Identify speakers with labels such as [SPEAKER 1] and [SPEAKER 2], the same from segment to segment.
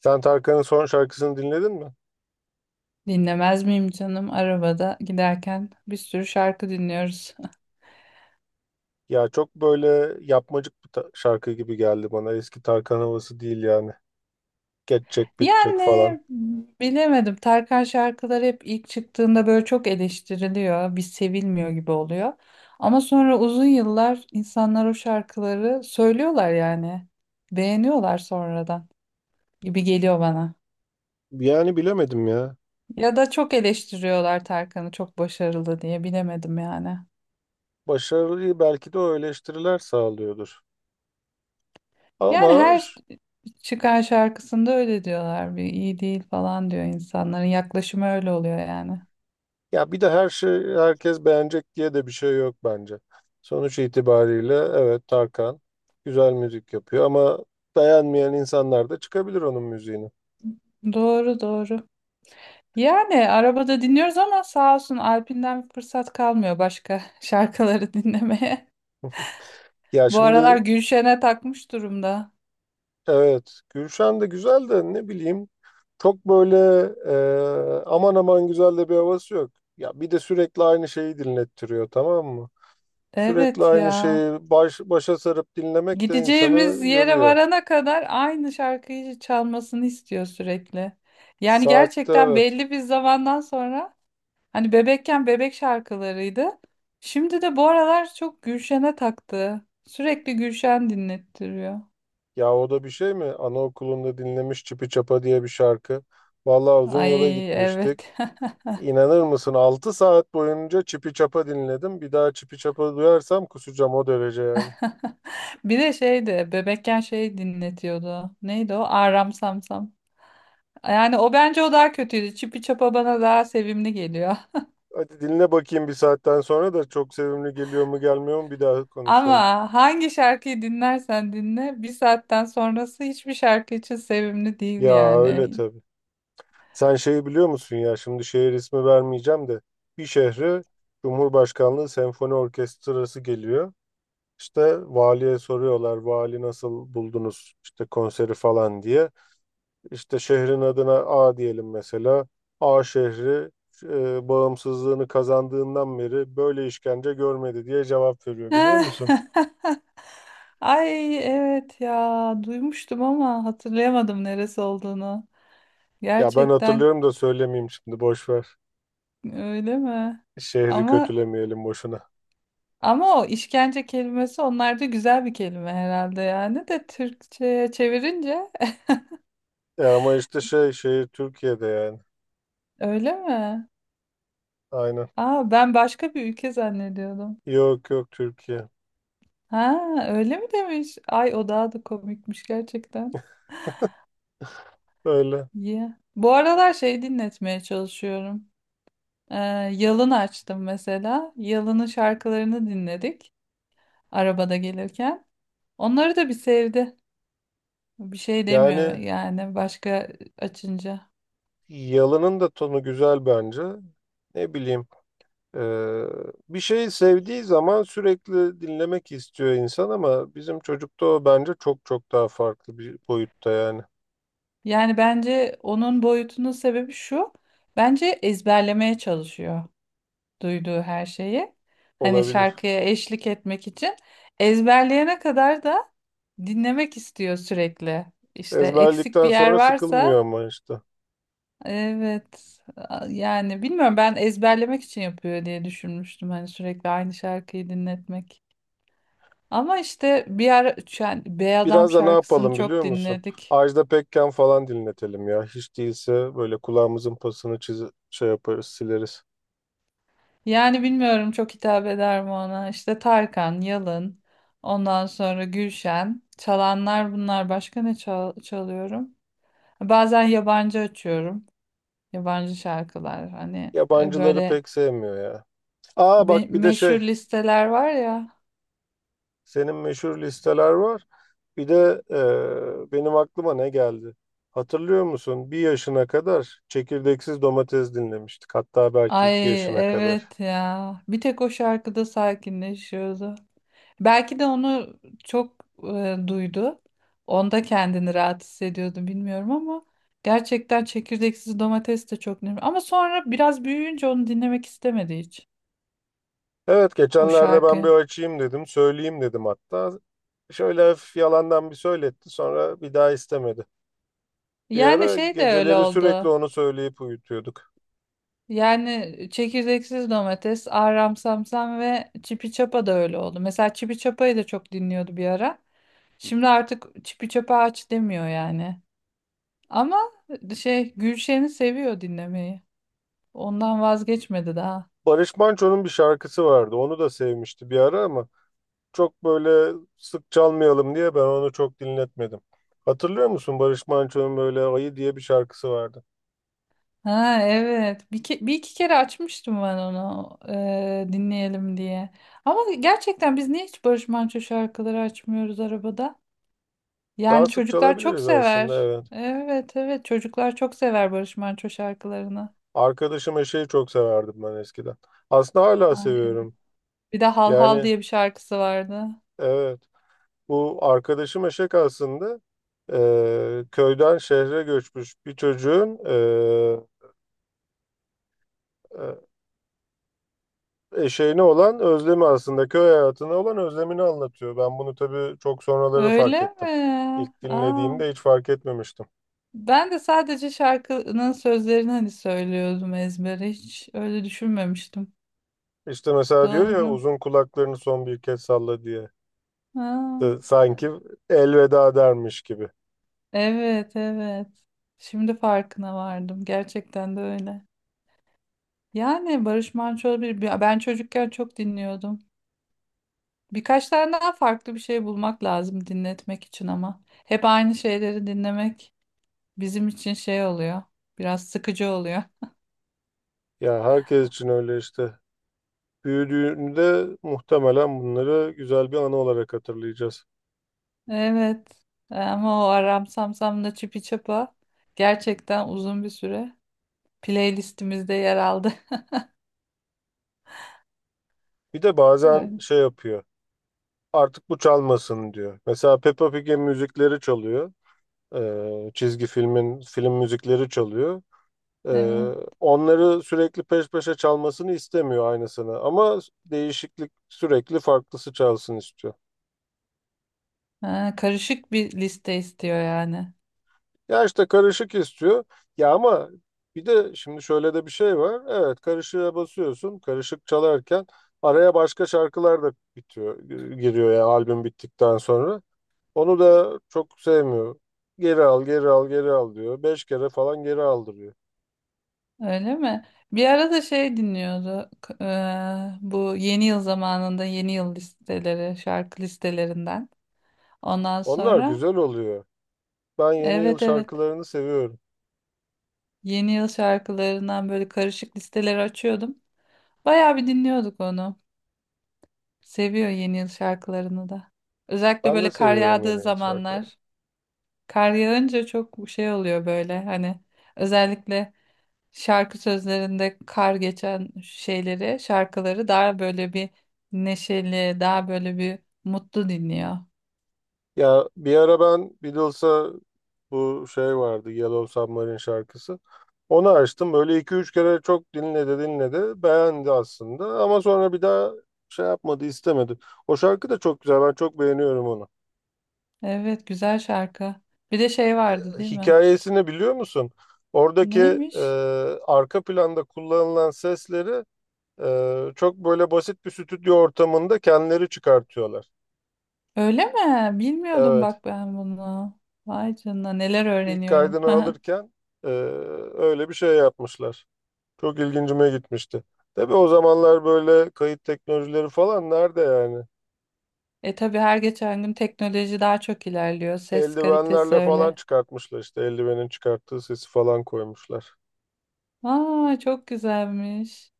[SPEAKER 1] Sen Tarkan'ın son şarkısını dinledin mi?
[SPEAKER 2] Dinlemez miyim canım? Arabada giderken bir sürü şarkı dinliyoruz.
[SPEAKER 1] Ya çok böyle yapmacık bir şarkı gibi geldi bana. Eski Tarkan havası değil yani. Geçecek, bitecek
[SPEAKER 2] Yani
[SPEAKER 1] falan.
[SPEAKER 2] bilemedim. Tarkan şarkıları hep ilk çıktığında böyle çok eleştiriliyor. Bir sevilmiyor gibi oluyor. Ama sonra uzun yıllar insanlar o şarkıları söylüyorlar yani. Beğeniyorlar sonradan gibi geliyor bana.
[SPEAKER 1] Yani bilemedim ya.
[SPEAKER 2] Ya da çok eleştiriyorlar Tarkan'ı çok başarılı diye bilemedim yani.
[SPEAKER 1] Başarıyı belki de o eleştiriler sağlıyordur.
[SPEAKER 2] Yani
[SPEAKER 1] Ama
[SPEAKER 2] her
[SPEAKER 1] ş-
[SPEAKER 2] çıkan şarkısında öyle diyorlar bir iyi değil falan diyor insanların yaklaşımı öyle oluyor yani.
[SPEAKER 1] Ya bir de her şey herkes beğenecek diye de bir şey yok bence. Sonuç itibariyle evet Tarkan güzel müzik yapıyor ama beğenmeyen insanlar da çıkabilir onun müziğini.
[SPEAKER 2] Doğru doğru. Yani arabada dinliyoruz ama sağ olsun Alp'inden bir fırsat kalmıyor başka şarkıları dinlemeye.
[SPEAKER 1] Ya
[SPEAKER 2] Bu aralar
[SPEAKER 1] şimdi
[SPEAKER 2] Gülşen'e takmış durumda.
[SPEAKER 1] evet Gülşen de güzel de ne bileyim. Çok böyle aman aman güzel de bir havası yok. Ya bir de sürekli aynı şeyi dinlettiriyor, tamam mı? Sürekli
[SPEAKER 2] Evet
[SPEAKER 1] aynı
[SPEAKER 2] ya.
[SPEAKER 1] şeyi başa sarıp dinlemek de
[SPEAKER 2] Gideceğimiz
[SPEAKER 1] insanı
[SPEAKER 2] yere
[SPEAKER 1] yoruyor.
[SPEAKER 2] varana kadar aynı şarkıyı çalmasını istiyor sürekli. Yani
[SPEAKER 1] Saatte
[SPEAKER 2] gerçekten
[SPEAKER 1] evet.
[SPEAKER 2] belli bir zamandan sonra hani bebekken bebek şarkılarıydı. Şimdi de bu aralar çok Gülşen'e taktı. Sürekli Gülşen dinlettiriyor.
[SPEAKER 1] Ya o da bir şey mi? Anaokulunda dinlemiş Çipi Çapa diye bir şarkı. Vallahi uzun yola
[SPEAKER 2] Ay
[SPEAKER 1] gitmiştik.
[SPEAKER 2] evet.
[SPEAKER 1] İnanır mısın, 6 saat boyunca Çipi Çapa dinledim. Bir daha Çipi Çapa duyarsam kusacağım, o derece yani.
[SPEAKER 2] Bir de şeydi bebekken şey dinletiyordu. Neydi o? Aram Samsam. Yani o bence o daha kötüydü. Çipi Çapa bana daha sevimli geliyor.
[SPEAKER 1] Hadi dinle bakayım, bir saatten sonra da çok sevimli geliyor mu gelmiyor mu, bir daha konuşalım.
[SPEAKER 2] Ama hangi şarkıyı dinlersen dinle bir saatten sonrası hiçbir şarkı için sevimli değil
[SPEAKER 1] Ya öyle
[SPEAKER 2] yani.
[SPEAKER 1] tabii. Sen şeyi biliyor musun, ya şimdi şehir ismi vermeyeceğim de bir şehre Cumhurbaşkanlığı Senfoni Orkestrası geliyor. İşte valiye soruyorlar, vali nasıl buldunuz işte konseri falan diye. İşte şehrin adına A diyelim mesela. A şehri bağımsızlığını kazandığından beri böyle işkence görmedi diye cevap veriyor, biliyor musun?
[SPEAKER 2] Ay evet ya duymuştum ama hatırlayamadım neresi olduğunu.
[SPEAKER 1] Ya ben
[SPEAKER 2] Gerçekten
[SPEAKER 1] hatırlıyorum da söylemeyeyim şimdi, boş ver.
[SPEAKER 2] öyle mi?
[SPEAKER 1] Şehri
[SPEAKER 2] Ama
[SPEAKER 1] kötülemeyelim boşuna.
[SPEAKER 2] ama o işkence kelimesi onlarda güzel bir kelime herhalde yani de Türkçe'ye çevirince
[SPEAKER 1] E ama işte şey şehir Türkiye'de yani.
[SPEAKER 2] öyle mi?
[SPEAKER 1] Aynen.
[SPEAKER 2] Aa ben başka bir ülke zannediyordum.
[SPEAKER 1] Yok yok, Türkiye.
[SPEAKER 2] Ha öyle mi demiş? Ay o daha da komikmiş gerçekten.
[SPEAKER 1] Öyle.
[SPEAKER 2] Yeah. Bu aralar şey dinletmeye çalışıyorum. Ee, Yalın açtım mesela. Yalın'ın şarkılarını dinledik arabada gelirken. Onları da bir sevdi. Bir şey demiyor
[SPEAKER 1] Yani
[SPEAKER 2] yani başka açınca.
[SPEAKER 1] yalının da tonu güzel bence. Ne bileyim. eee, Bir şeyi sevdiği zaman sürekli dinlemek istiyor insan ama bizim çocukta o bence çok çok daha farklı bir boyutta yani.
[SPEAKER 2] Yani bence onun boyutunun sebebi şu. Bence ezberlemeye çalışıyor duyduğu her şeyi. Hani
[SPEAKER 1] Olabilir.
[SPEAKER 2] şarkıya eşlik etmek için ezberleyene kadar da dinlemek istiyor sürekli. İşte eksik bir
[SPEAKER 1] Ezberledikten
[SPEAKER 2] yer
[SPEAKER 1] sonra sıkılmıyor
[SPEAKER 2] varsa
[SPEAKER 1] ama işte.
[SPEAKER 2] evet. Yani bilmiyorum ben ezberlemek için yapıyor diye düşünmüştüm. Hani sürekli aynı şarkıyı dinletmek. Ama işte bir ara yani Bey Adam
[SPEAKER 1] Biraz da ne
[SPEAKER 2] şarkısını
[SPEAKER 1] yapalım
[SPEAKER 2] çok
[SPEAKER 1] biliyor musun?
[SPEAKER 2] dinledik.
[SPEAKER 1] Ajda Pekkan falan dinletelim ya. Hiç değilse böyle kulağımızın pasını çiz, şey yaparız, sileriz.
[SPEAKER 2] Yani bilmiyorum çok hitap eder mi ona. İşte Tarkan, Yalın, ondan sonra Gülşen. Çalanlar bunlar. Başka ne çalıyorum? Bazen yabancı açıyorum. Yabancı şarkılar. Hani
[SPEAKER 1] Yabancıları
[SPEAKER 2] böyle
[SPEAKER 1] pek sevmiyor ya. Aa bak bir de
[SPEAKER 2] meşhur
[SPEAKER 1] şey,
[SPEAKER 2] listeler var ya.
[SPEAKER 1] senin meşhur listeler var. Bir de benim aklıma ne geldi? Hatırlıyor musun? Bir yaşına kadar çekirdeksiz domates dinlemiştik. Hatta belki iki
[SPEAKER 2] Ay
[SPEAKER 1] yaşına kadar.
[SPEAKER 2] evet ya. Bir tek o şarkıda sakinleşiyordu. Belki de onu çok duydu. Onda kendini rahat hissediyordu bilmiyorum ama gerçekten çekirdeksiz domates de çok önemli. Ama sonra biraz büyüyünce onu dinlemek istemedi hiç
[SPEAKER 1] Evet
[SPEAKER 2] o
[SPEAKER 1] geçenlerde ben bir
[SPEAKER 2] şarkıyı.
[SPEAKER 1] açayım dedim. Söyleyeyim dedim hatta. Şöyle hafif yalandan bir söyletti. Sonra bir daha istemedi. Bir
[SPEAKER 2] Yani
[SPEAKER 1] ara
[SPEAKER 2] şey de öyle
[SPEAKER 1] geceleri sürekli
[SPEAKER 2] oldu.
[SPEAKER 1] onu söyleyip uyutuyorduk.
[SPEAKER 2] Yani çekirdeksiz domates, Ahram Samsam ve Çipi Çapa da öyle oldu. Mesela Çipi Çapa'yı da çok dinliyordu bir ara. Şimdi artık Çipi Çapa aç demiyor yani. Ama şey Gülşen'i seviyor dinlemeyi. Ondan vazgeçmedi daha.
[SPEAKER 1] Barış Manço'nun bir şarkısı vardı. Onu da sevmişti bir ara ama çok böyle sık çalmayalım diye ben onu çok dinletmedim. Hatırlıyor musun, Barış Manço'nun böyle Ayı diye bir şarkısı vardı.
[SPEAKER 2] Ha evet. Bir iki kere açmıştım ben onu dinleyelim diye. Ama gerçekten biz niye hiç Barış Manço şarkıları açmıyoruz arabada?
[SPEAKER 1] Daha
[SPEAKER 2] Yani
[SPEAKER 1] sık
[SPEAKER 2] çocuklar çok
[SPEAKER 1] çalabiliriz aslında,
[SPEAKER 2] sever.
[SPEAKER 1] evet.
[SPEAKER 2] Evet, evet, çocuklar çok sever Barış Manço şarkılarını.
[SPEAKER 1] Arkadaşım Eşeği çok severdim ben eskiden. Aslında hala
[SPEAKER 2] Ay evet.
[SPEAKER 1] seviyorum.
[SPEAKER 2] Bir de Hal Hal
[SPEAKER 1] Yani
[SPEAKER 2] diye bir şarkısı vardı.
[SPEAKER 1] evet, bu arkadaşım Eşek aslında e, köyden şehre göçmüş bir çocuğun e, şeyine olan özlemi, aslında köy hayatına olan özlemini anlatıyor. Ben bunu tabii çok sonraları fark
[SPEAKER 2] Öyle
[SPEAKER 1] ettim.
[SPEAKER 2] mi?
[SPEAKER 1] İlk
[SPEAKER 2] Aa.
[SPEAKER 1] dinlediğimde hiç fark etmemiştim.
[SPEAKER 2] Ben de sadece şarkının sözlerini hani söylüyordum ezbere. Hiç öyle düşünmemiştim.
[SPEAKER 1] İşte mesela diyor ya,
[SPEAKER 2] Doğru.
[SPEAKER 1] uzun kulaklarını son bir kez salla diye.
[SPEAKER 2] Ha,
[SPEAKER 1] Sanki elveda dermiş gibi.
[SPEAKER 2] evet, evet. Şimdi farkına vardım. Gerçekten de öyle. Yani Barış Manço ben çocukken çok dinliyordum. Birkaç tane daha farklı bir şey bulmak lazım dinletmek için ama. Hep aynı şeyleri dinlemek bizim için şey oluyor. Biraz sıkıcı oluyor.
[SPEAKER 1] Ya herkes için öyle işte. Büyüdüğünde muhtemelen bunları güzel bir anı olarak hatırlayacağız.
[SPEAKER 2] Evet. Ama o Aram Sam Sam'la Çipi Çapa gerçekten uzun bir süre playlistimizde yer aldı.
[SPEAKER 1] Bir de bazen
[SPEAKER 2] Evet.
[SPEAKER 1] şey yapıyor. Artık bu çalmasın diyor. Mesela Peppa Pig'in müzikleri çalıyor. Çizgi filmin film müzikleri çalıyor.
[SPEAKER 2] Evet.
[SPEAKER 1] Ee, Onları sürekli peş peşe çalmasını istemiyor aynısını, ama değişiklik sürekli farklısı çalsın istiyor.
[SPEAKER 2] Ha, karışık bir liste istiyor yani.
[SPEAKER 1] Ya işte karışık istiyor. Ya ama bir de şimdi şöyle de bir şey var. Evet karışığa basıyorsun. Karışık çalarken araya başka şarkılar da bitiyor, giriyor ya albüm bittikten sonra. Onu da çok sevmiyor. Geri al, geri al, geri al diyor. 5 kere falan geri aldırıyor.
[SPEAKER 2] Öyle mi? Bir ara da şey dinliyordu. Bu yeni yıl zamanında yeni yıl listeleri, şarkı listelerinden. Ondan
[SPEAKER 1] Onlar
[SPEAKER 2] sonra,
[SPEAKER 1] güzel oluyor. Ben yeni yıl
[SPEAKER 2] evet, evet,
[SPEAKER 1] şarkılarını seviyorum.
[SPEAKER 2] yeni yıl şarkılarından böyle karışık listeleri açıyordum. Bayağı bir dinliyorduk onu. Seviyor yeni yıl şarkılarını da. Özellikle
[SPEAKER 1] Ben de
[SPEAKER 2] böyle kar
[SPEAKER 1] seviyorum yeni
[SPEAKER 2] yağdığı
[SPEAKER 1] yıl şarkılarını.
[SPEAKER 2] zamanlar. Kar yağınca çok şey oluyor böyle hani özellikle şarkı sözlerinde kar geçen şeyleri, şarkıları daha böyle bir neşeli, daha böyle bir mutlu dinliyor.
[SPEAKER 1] Ya bir ara ben Beatles'a bu şey vardı, Yellow Submarine şarkısı. Onu açtım. Böyle 2-3 kere çok dinledi dinledi. Beğendi aslında ama sonra bir daha şey yapmadı, istemedi. O şarkı da çok güzel. Ben çok beğeniyorum onu.
[SPEAKER 2] Evet, güzel şarkı. Bir de şey vardı değil mi?
[SPEAKER 1] Hikayesini biliyor musun? Oradaki e,
[SPEAKER 2] Neymiş?
[SPEAKER 1] arka planda kullanılan sesleri çok böyle basit bir stüdyo ortamında kendileri çıkartıyorlar.
[SPEAKER 2] Öyle mi? Bilmiyordum
[SPEAKER 1] Evet.
[SPEAKER 2] bak ben bunu. Vay canına neler
[SPEAKER 1] İlk
[SPEAKER 2] öğreniyorum.
[SPEAKER 1] kaydını alırken e, öyle bir şey yapmışlar. Çok ilgincime gitmişti. Tabii o zamanlar böyle kayıt teknolojileri falan nerede yani?
[SPEAKER 2] E, tabii her geçen gün teknoloji daha çok ilerliyor. Ses kalitesi
[SPEAKER 1] Eldivenlerle falan
[SPEAKER 2] öyle.
[SPEAKER 1] çıkartmışlar, işte eldivenin çıkarttığı sesi falan koymuşlar.
[SPEAKER 2] Aa çok güzelmiş.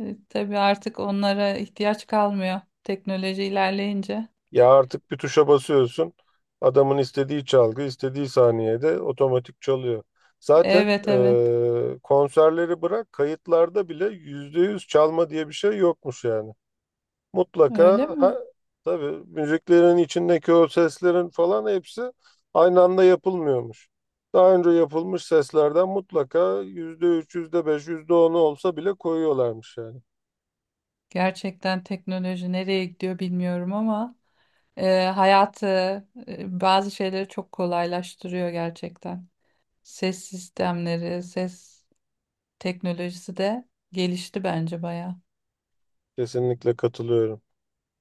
[SPEAKER 2] Tabii artık onlara ihtiyaç kalmıyor teknoloji ilerleyince.
[SPEAKER 1] Ya artık bir tuşa basıyorsun. Adamın istediği çalgı istediği saniyede otomatik çalıyor. Zaten
[SPEAKER 2] Evet, evet.
[SPEAKER 1] konserleri bırak, kayıtlarda bile %100 çalma diye bir şey yokmuş yani.
[SPEAKER 2] Öyle
[SPEAKER 1] Mutlaka
[SPEAKER 2] mi?
[SPEAKER 1] tabii müziklerin içindeki o seslerin falan hepsi aynı anda yapılmıyormuş. Daha önce yapılmış seslerden mutlaka %3, yüzde beş, yüzde onu olsa bile koyuyorlarmış yani.
[SPEAKER 2] Gerçekten teknoloji nereye gidiyor bilmiyorum ama hayatı bazı şeyleri çok kolaylaştırıyor gerçekten. Ses sistemleri, ses teknolojisi de gelişti bence bayağı.
[SPEAKER 1] Kesinlikle katılıyorum.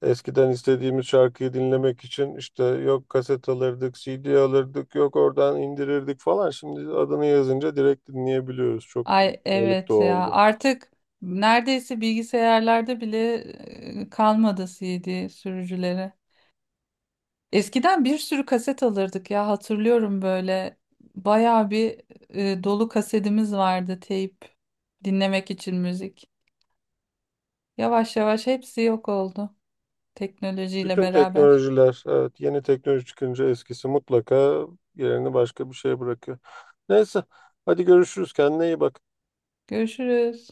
[SPEAKER 1] Eskiden istediğimiz şarkıyı dinlemek için işte yok kaset alırdık, CD alırdık, yok oradan indirirdik falan. Şimdi adını yazınca direkt dinleyebiliyoruz. Çok büyük
[SPEAKER 2] Ay
[SPEAKER 1] kolaylık da
[SPEAKER 2] evet ya
[SPEAKER 1] oldu.
[SPEAKER 2] artık neredeyse bilgisayarlarda bile kalmadı CD sürücüleri. Eskiden bir sürü kaset alırdık ya hatırlıyorum böyle bayağı bir dolu kasetimiz vardı teyp dinlemek için müzik. Yavaş yavaş hepsi yok oldu teknolojiyle
[SPEAKER 1] Bütün
[SPEAKER 2] beraber.
[SPEAKER 1] teknolojiler, evet, yeni teknoloji çıkınca eskisi mutlaka yerini başka bir şeye bırakıyor. Neyse, hadi görüşürüz. Kendine iyi bak.
[SPEAKER 2] Görüşürüz.